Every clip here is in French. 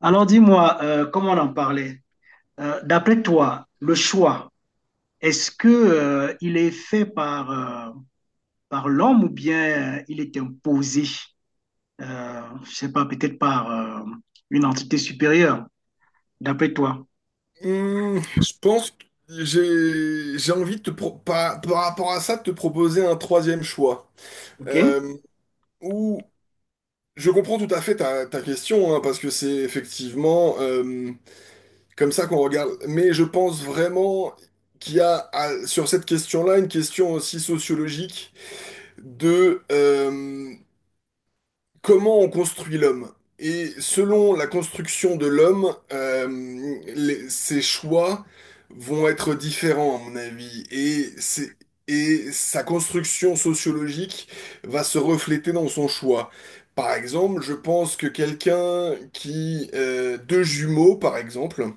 Alors dis-moi, comme on en parlait, d'après toi, le choix, est-ce que il est fait par l'homme ou bien il est imposé, je sais pas, peut-être par une entité supérieure, d'après toi, Je pense que j'ai envie de par rapport à ça de te proposer un troisième choix. ok? Euh, Où je comprends tout à fait ta question, hein, parce que c'est effectivement comme ça qu'on regarde, mais je pense vraiment qu'il y a sur cette question-là une question aussi sociologique de comment on construit l'homme? Et selon la construction de l'homme, ses choix vont être différents, à mon avis. Et sa construction sociologique va se refléter dans son choix. Par exemple, je pense que deux jumeaux, par exemple,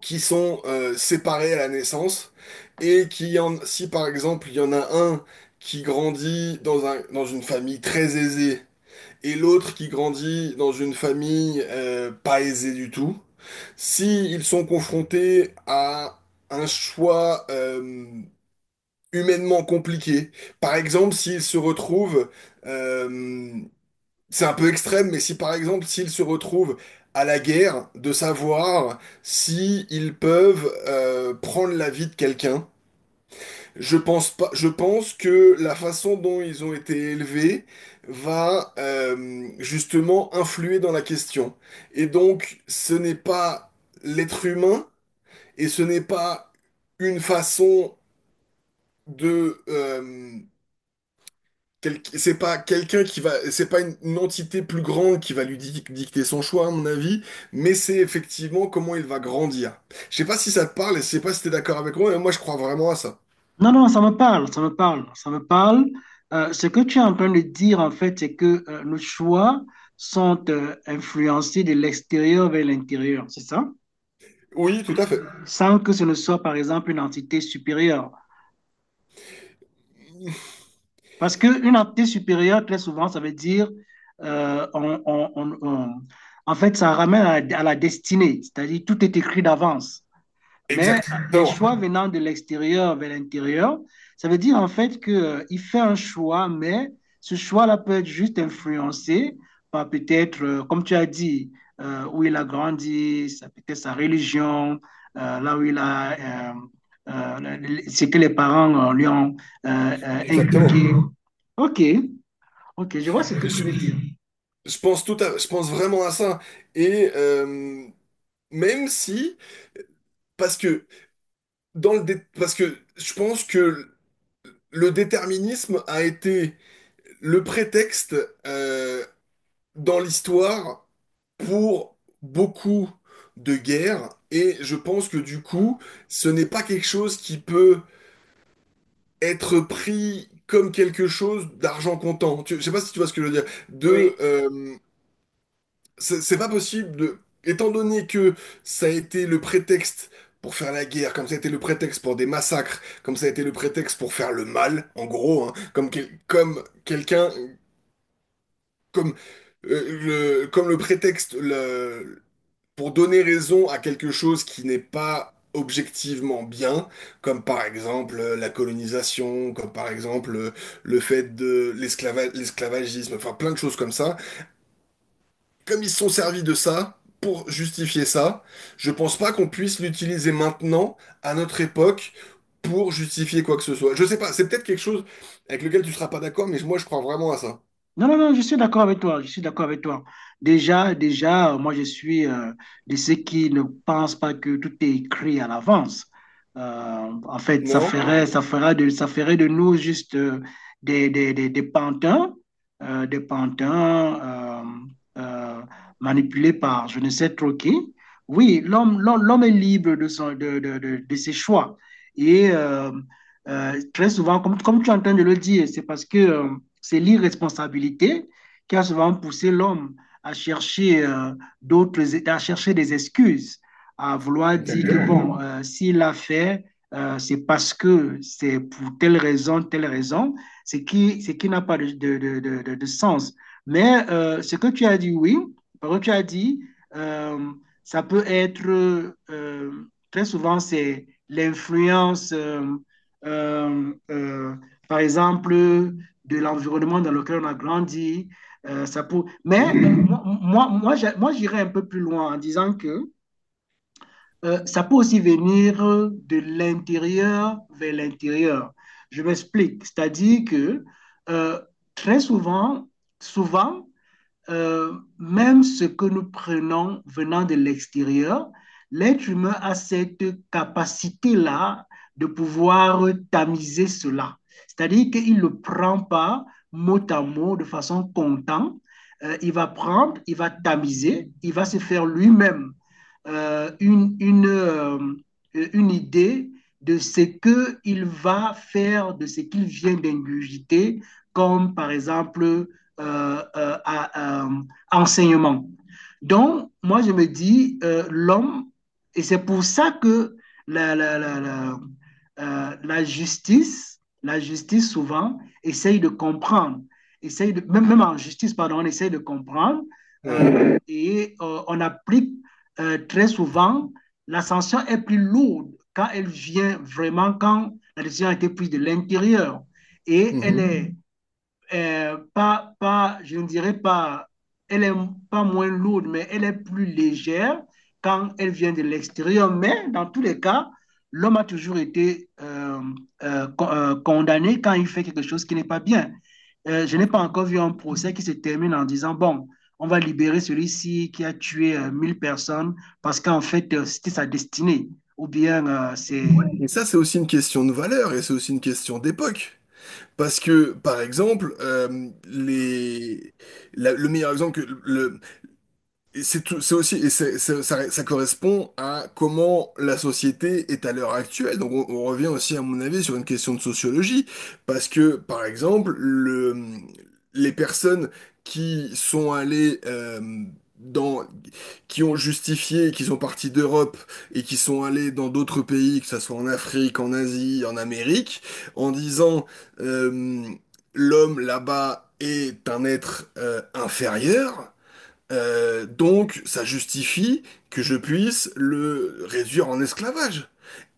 qui sont séparés à la naissance, si par exemple, il y en a un qui grandit dans une famille très aisée, et l'autre qui grandit dans une famille pas aisée du tout, si ils sont confrontés à un choix humainement compliqué, par exemple euh, c'est un peu extrême, mais si par exemple s'ils se retrouvent à la guerre, de savoir si ils peuvent prendre la vie de quelqu'un. Je pense pas, je pense que la façon dont ils ont été élevés va justement influer dans la question. Et donc, ce n'est pas l'être humain et ce n'est pas une façon de c'est pas quelqu'un qui va, c'est pas une entité plus grande qui va lui dicter son choix, à mon avis, mais c'est effectivement comment il va grandir. Je sais pas si ça te parle et je sais pas si t'es d'accord avec moi, mais moi je crois vraiment à ça. Non, non, ça me parle, ça me parle, ça me parle. Ce que tu es en train de dire, en fait, c'est que nos choix sont influencés de l'extérieur vers l'intérieur, c'est ça? Oui, tout à fait. Sans que ce ne soit, par exemple, une entité supérieure. Parce qu'une entité supérieure, très souvent, ça veut dire, euh, on- on- on- on- en fait, ça ramène à la destinée, c'est-à-dire tout est écrit d'avance. Mais les Exactement. choix venant de l'extérieur vers l'intérieur, ça veut dire en fait qu'il fait un choix, mais ce choix-là peut être juste influencé par peut-être, comme tu as dit, où il a grandi, ça peut être sa religion, là où il a, ce que les parents lui ont Exactement. inculqué. Ok, ok, je vois ce que Moi, tu Je, veux dire. je pense je pense vraiment à ça. Et même si, parce que parce que je pense que le déterminisme a été le prétexte, euh, dans l'histoire, pour beaucoup de guerres. Et je pense que du coup, ce n'est pas quelque chose qui peut être pris comme quelque chose d'argent comptant. Je sais pas si tu vois ce que je veux dire. Oui. C'est pas possible de... Étant donné que ça a été le prétexte pour faire la guerre, comme ça a été le prétexte pour des massacres, comme ça a été le prétexte pour faire le mal, en gros, hein, comme quelqu'un, comme, comme le prétexte pour donner raison à quelque chose qui n'est pas objectivement bien, comme par exemple la colonisation, comme par exemple le fait de l'esclavagisme, enfin plein de choses comme ça, comme ils se sont servis de ça pour justifier ça, je pense pas qu'on puisse l'utiliser maintenant, à notre époque, pour justifier quoi que ce soit. Je sais pas, c'est peut-être quelque chose avec lequel tu seras pas d'accord, mais moi je crois vraiment à ça. Non, non, non, je suis d'accord avec toi, je suis d'accord avec toi. Déjà, déjà, moi, je suis de ceux qui ne pensent pas que tout est écrit à l'avance. En fait, Non? Ça ferait de nous juste des pantins, euh, des pantins euh, euh, manipulés par je ne sais trop qui. Oui, l'homme est libre de, son, de ses choix. Et très souvent, comme tu es en train de le dire, c'est parce que c'est l'irresponsabilité qui a souvent poussé l'homme à chercher à chercher des excuses, à vouloir dire que Exactement. bon, s'il a fait, c'est parce que c'est pour telle raison, ce qui n'a pas de sens. Mais ce que tu as dit, oui, par contre, tu as dit, euh, ça peut être, euh, très souvent, c'est l'influence, euh, euh, par exemple, de l'environnement dans lequel on a grandi. Mais Mhm. J'irais un peu plus loin en disant que ça peut aussi venir de l'intérieur vers l'intérieur. Je m'explique. C'est-à-dire que euh, très souvent, même ce que nous prenons venant de l'extérieur, l'être humain a cette capacité-là de pouvoir tamiser cela. C'est-à-dire qu'il ne le prend pas mot à mot de façon content. Il va prendre, il va tamiser, il va se faire lui-même euh, une, une, euh, une idée de ce qu'il va faire, de ce qu'il vient d'ingurgiter, comme par exemple euh, euh, à, euh, enseignement. Donc, moi, je me dis, l'homme, et c'est pour ça que la, la, la, la, la justice souvent, essaye de comprendre, essaye de, même en justice, pardon, on essaye de comprendre Ouais. Et on applique très souvent, la sanction est plus lourde quand elle vient vraiment, quand la décision a été prise de l'intérieur et elle Mhm. est pas, pas, je ne dirais pas, elle est pas moins lourde, mais elle est plus légère quand elle vient de l'extérieur. Mais dans tous les cas, l'homme a toujours été condamné quand il fait quelque chose qui n'est pas bien. Je n'ai pas encore vu un procès qui se termine en disant, bon, on va libérer celui-ci qui a tué 1000 personnes parce qu'en fait, c'était sa destinée. Ou bien. Et ça, c'est aussi une question de valeur et c'est aussi une question d'époque. Parce que, par exemple, le meilleur exemple. Et c'est tout, c'est aussi, et c'est- ça correspond à comment la société est à l'heure actuelle. Donc, on revient aussi, à mon avis, sur une question de sociologie, parce que, par exemple, les personnes qui sont allées dans, qui ont justifié qu'ils sont partis d'Europe et qui sont allés dans d'autres pays, que ce soit en Afrique, en Asie, en Amérique, en disant euh, l'homme là-bas est un être inférieur. Donc, ça justifie que je puisse le réduire en esclavage.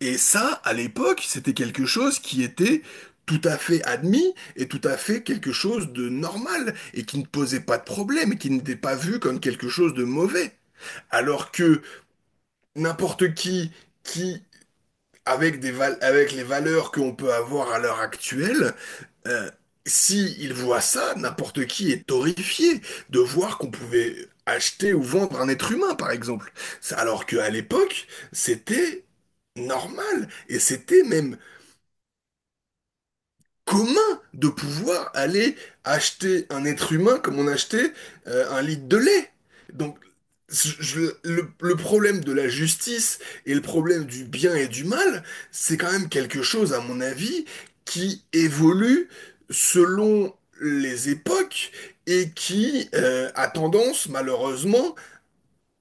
Et ça, à l'époque, c'était quelque chose qui était tout à fait admis et tout à fait quelque chose de normal et qui ne posait pas de problème et qui n'était pas vu comme quelque chose de mauvais. Alors que n'importe qui avec avec les valeurs qu'on peut avoir à l'heure actuelle, euh, si il voit ça, n'importe qui est horrifié de voir qu'on pouvait acheter ou vendre un être humain, par exemple. Alors qu'à l'époque, c'était normal et c'était même commun de pouvoir aller acheter un être humain comme on achetait un litre de lait. Donc, le problème de la justice et le problème du bien et du mal, c'est quand même quelque chose, à mon avis, qui évolue selon les époques et qui a tendance, malheureusement,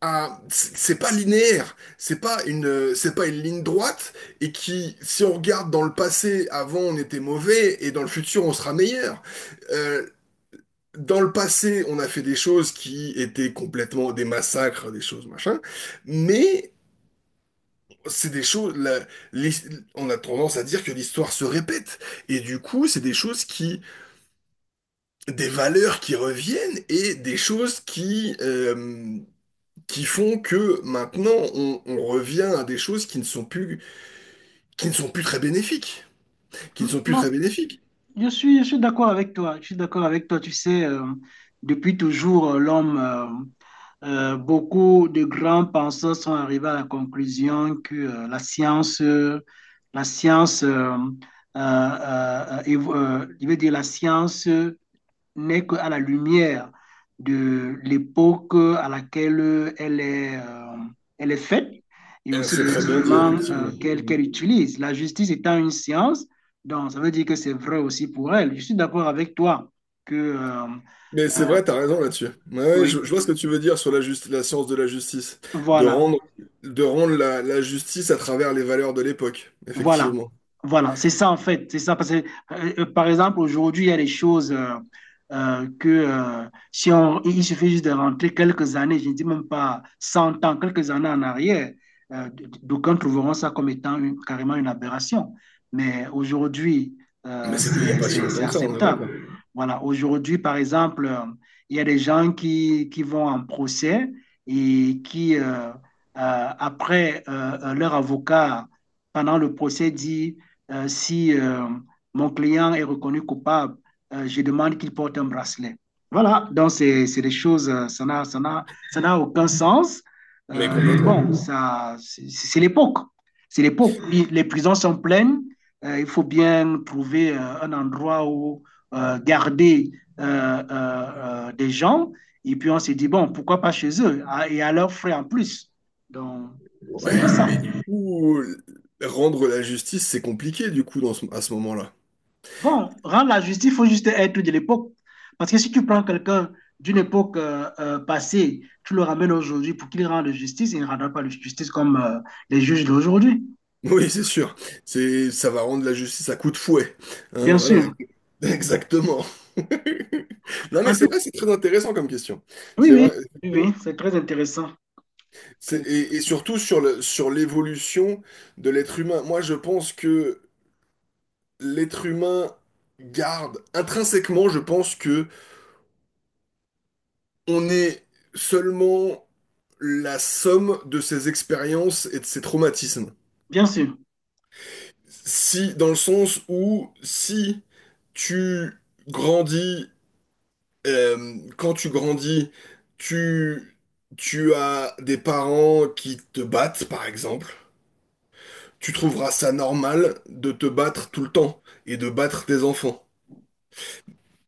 c'est pas linéaire, c'est pas c'est pas une ligne droite, et qui, si on regarde dans le passé, avant on était mauvais et dans le futur on sera meilleur. Euh, Dans le passé, on a fait des choses qui étaient complètement des massacres, des choses machin, mais c'est des choses, l'his- on a tendance à dire que l'histoire se répète et du coup, c'est des choses, des valeurs qui reviennent et des choses qui qui font que maintenant on revient à des choses qui ne sont plus, qui ne sont plus très bénéfiques, qui ne sont plus Non, très bénéfiques. je suis d'accord avec toi. Je suis d'accord avec toi. Tu sais, depuis toujours, l'homme, beaucoup de grands penseurs sont arrivés à la conclusion que la science, euh, je veux dire la science n'est qu'à la lumière de l'époque à laquelle elle est faite et aussi C'est des très bien dit, instruments effectivement. qu'elle Mhm. utilise. La justice étant une science, donc ça veut dire que c'est vrai aussi pour elle. Je suis d'accord avec toi que, Mais c'est vrai, t'as raison là-dessus. Ouais, ouais, oui, je vois ce que tu veux dire sur la science de la justice, de voilà. rendre, de rendre la justice à travers les valeurs de l'époque, Voilà, effectivement. voilà, c'est ça en fait, c'est ça parce que par exemple aujourd'hui il y a des choses que si on, il suffit juste de rentrer quelques années, je ne dis même pas 100 ans, quelques années en arrière, d'aucuns trouveront ça comme étant carrément une aberration. Mais aujourd'hui, Mais c'était il n'y a pas si c'est longtemps que ça, on est d'accord. acceptable. Voilà, aujourd'hui par exemple, il y a des gens qui vont en procès et qui après leur avocat pendant le procès dit si mon client est reconnu coupable, je demande qu'il porte un bracelet. Voilà, donc c'est des choses, ça n'a aucun sens. Mais Mais complètement. bon, ça, c'est l'époque. C'est l'époque. Oui, les prisons sont pleines. Il faut bien trouver un endroit où garder des gens. Et puis on s'est dit, bon, pourquoi pas chez eux, ah, et à leurs frais en plus. Donc, c'est un peu Ouais, ça. mais du coup, rendre la justice, c'est compliqué du coup dans à ce moment-là. Bon, rendre la justice, il faut juste être de l'époque. Parce que si tu prends quelqu'un d'une époque passée, tu le ramènes aujourd'hui pour qu'il rende justice, il ne rendra pas la justice comme les juges d'aujourd'hui. Oui, c'est sûr. C'est, ça va rendre la justice à coup de fouet. Hein, Bien voilà. sûr. Exactement. Non, mais En c'est vrai, plus- c'est très intéressant comme question. oui, C'est oui, vrai, oui, oui, effectivement. c'est très intéressant. Très Et intéressant. surtout sur sur l'évolution de l'être humain. Moi, je pense que l'être humain garde, intrinsèquement, je pense que on est seulement la somme de ses expériences et de ses traumatismes. Bien sûr. Si, dans le sens où, si tu grandis, quand tu grandis, tu, tu as des parents qui te battent, par exemple. Tu trouveras ça normal de te battre tout le temps et de battre tes enfants.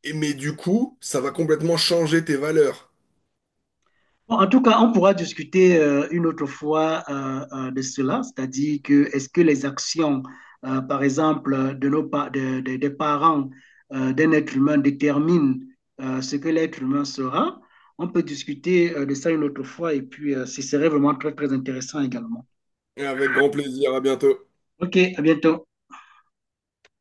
Et, mais du coup, ça va complètement changer tes valeurs. Bon, en tout cas, on pourra discuter une autre fois de cela, c'est-à-dire que est-ce que les actions, par exemple, de des parents d'un être humain déterminent ce que l'être humain sera? On peut discuter de ça une autre fois et puis ce serait vraiment très, très intéressant également. Avec grand plaisir, à bientôt. OK, à bientôt.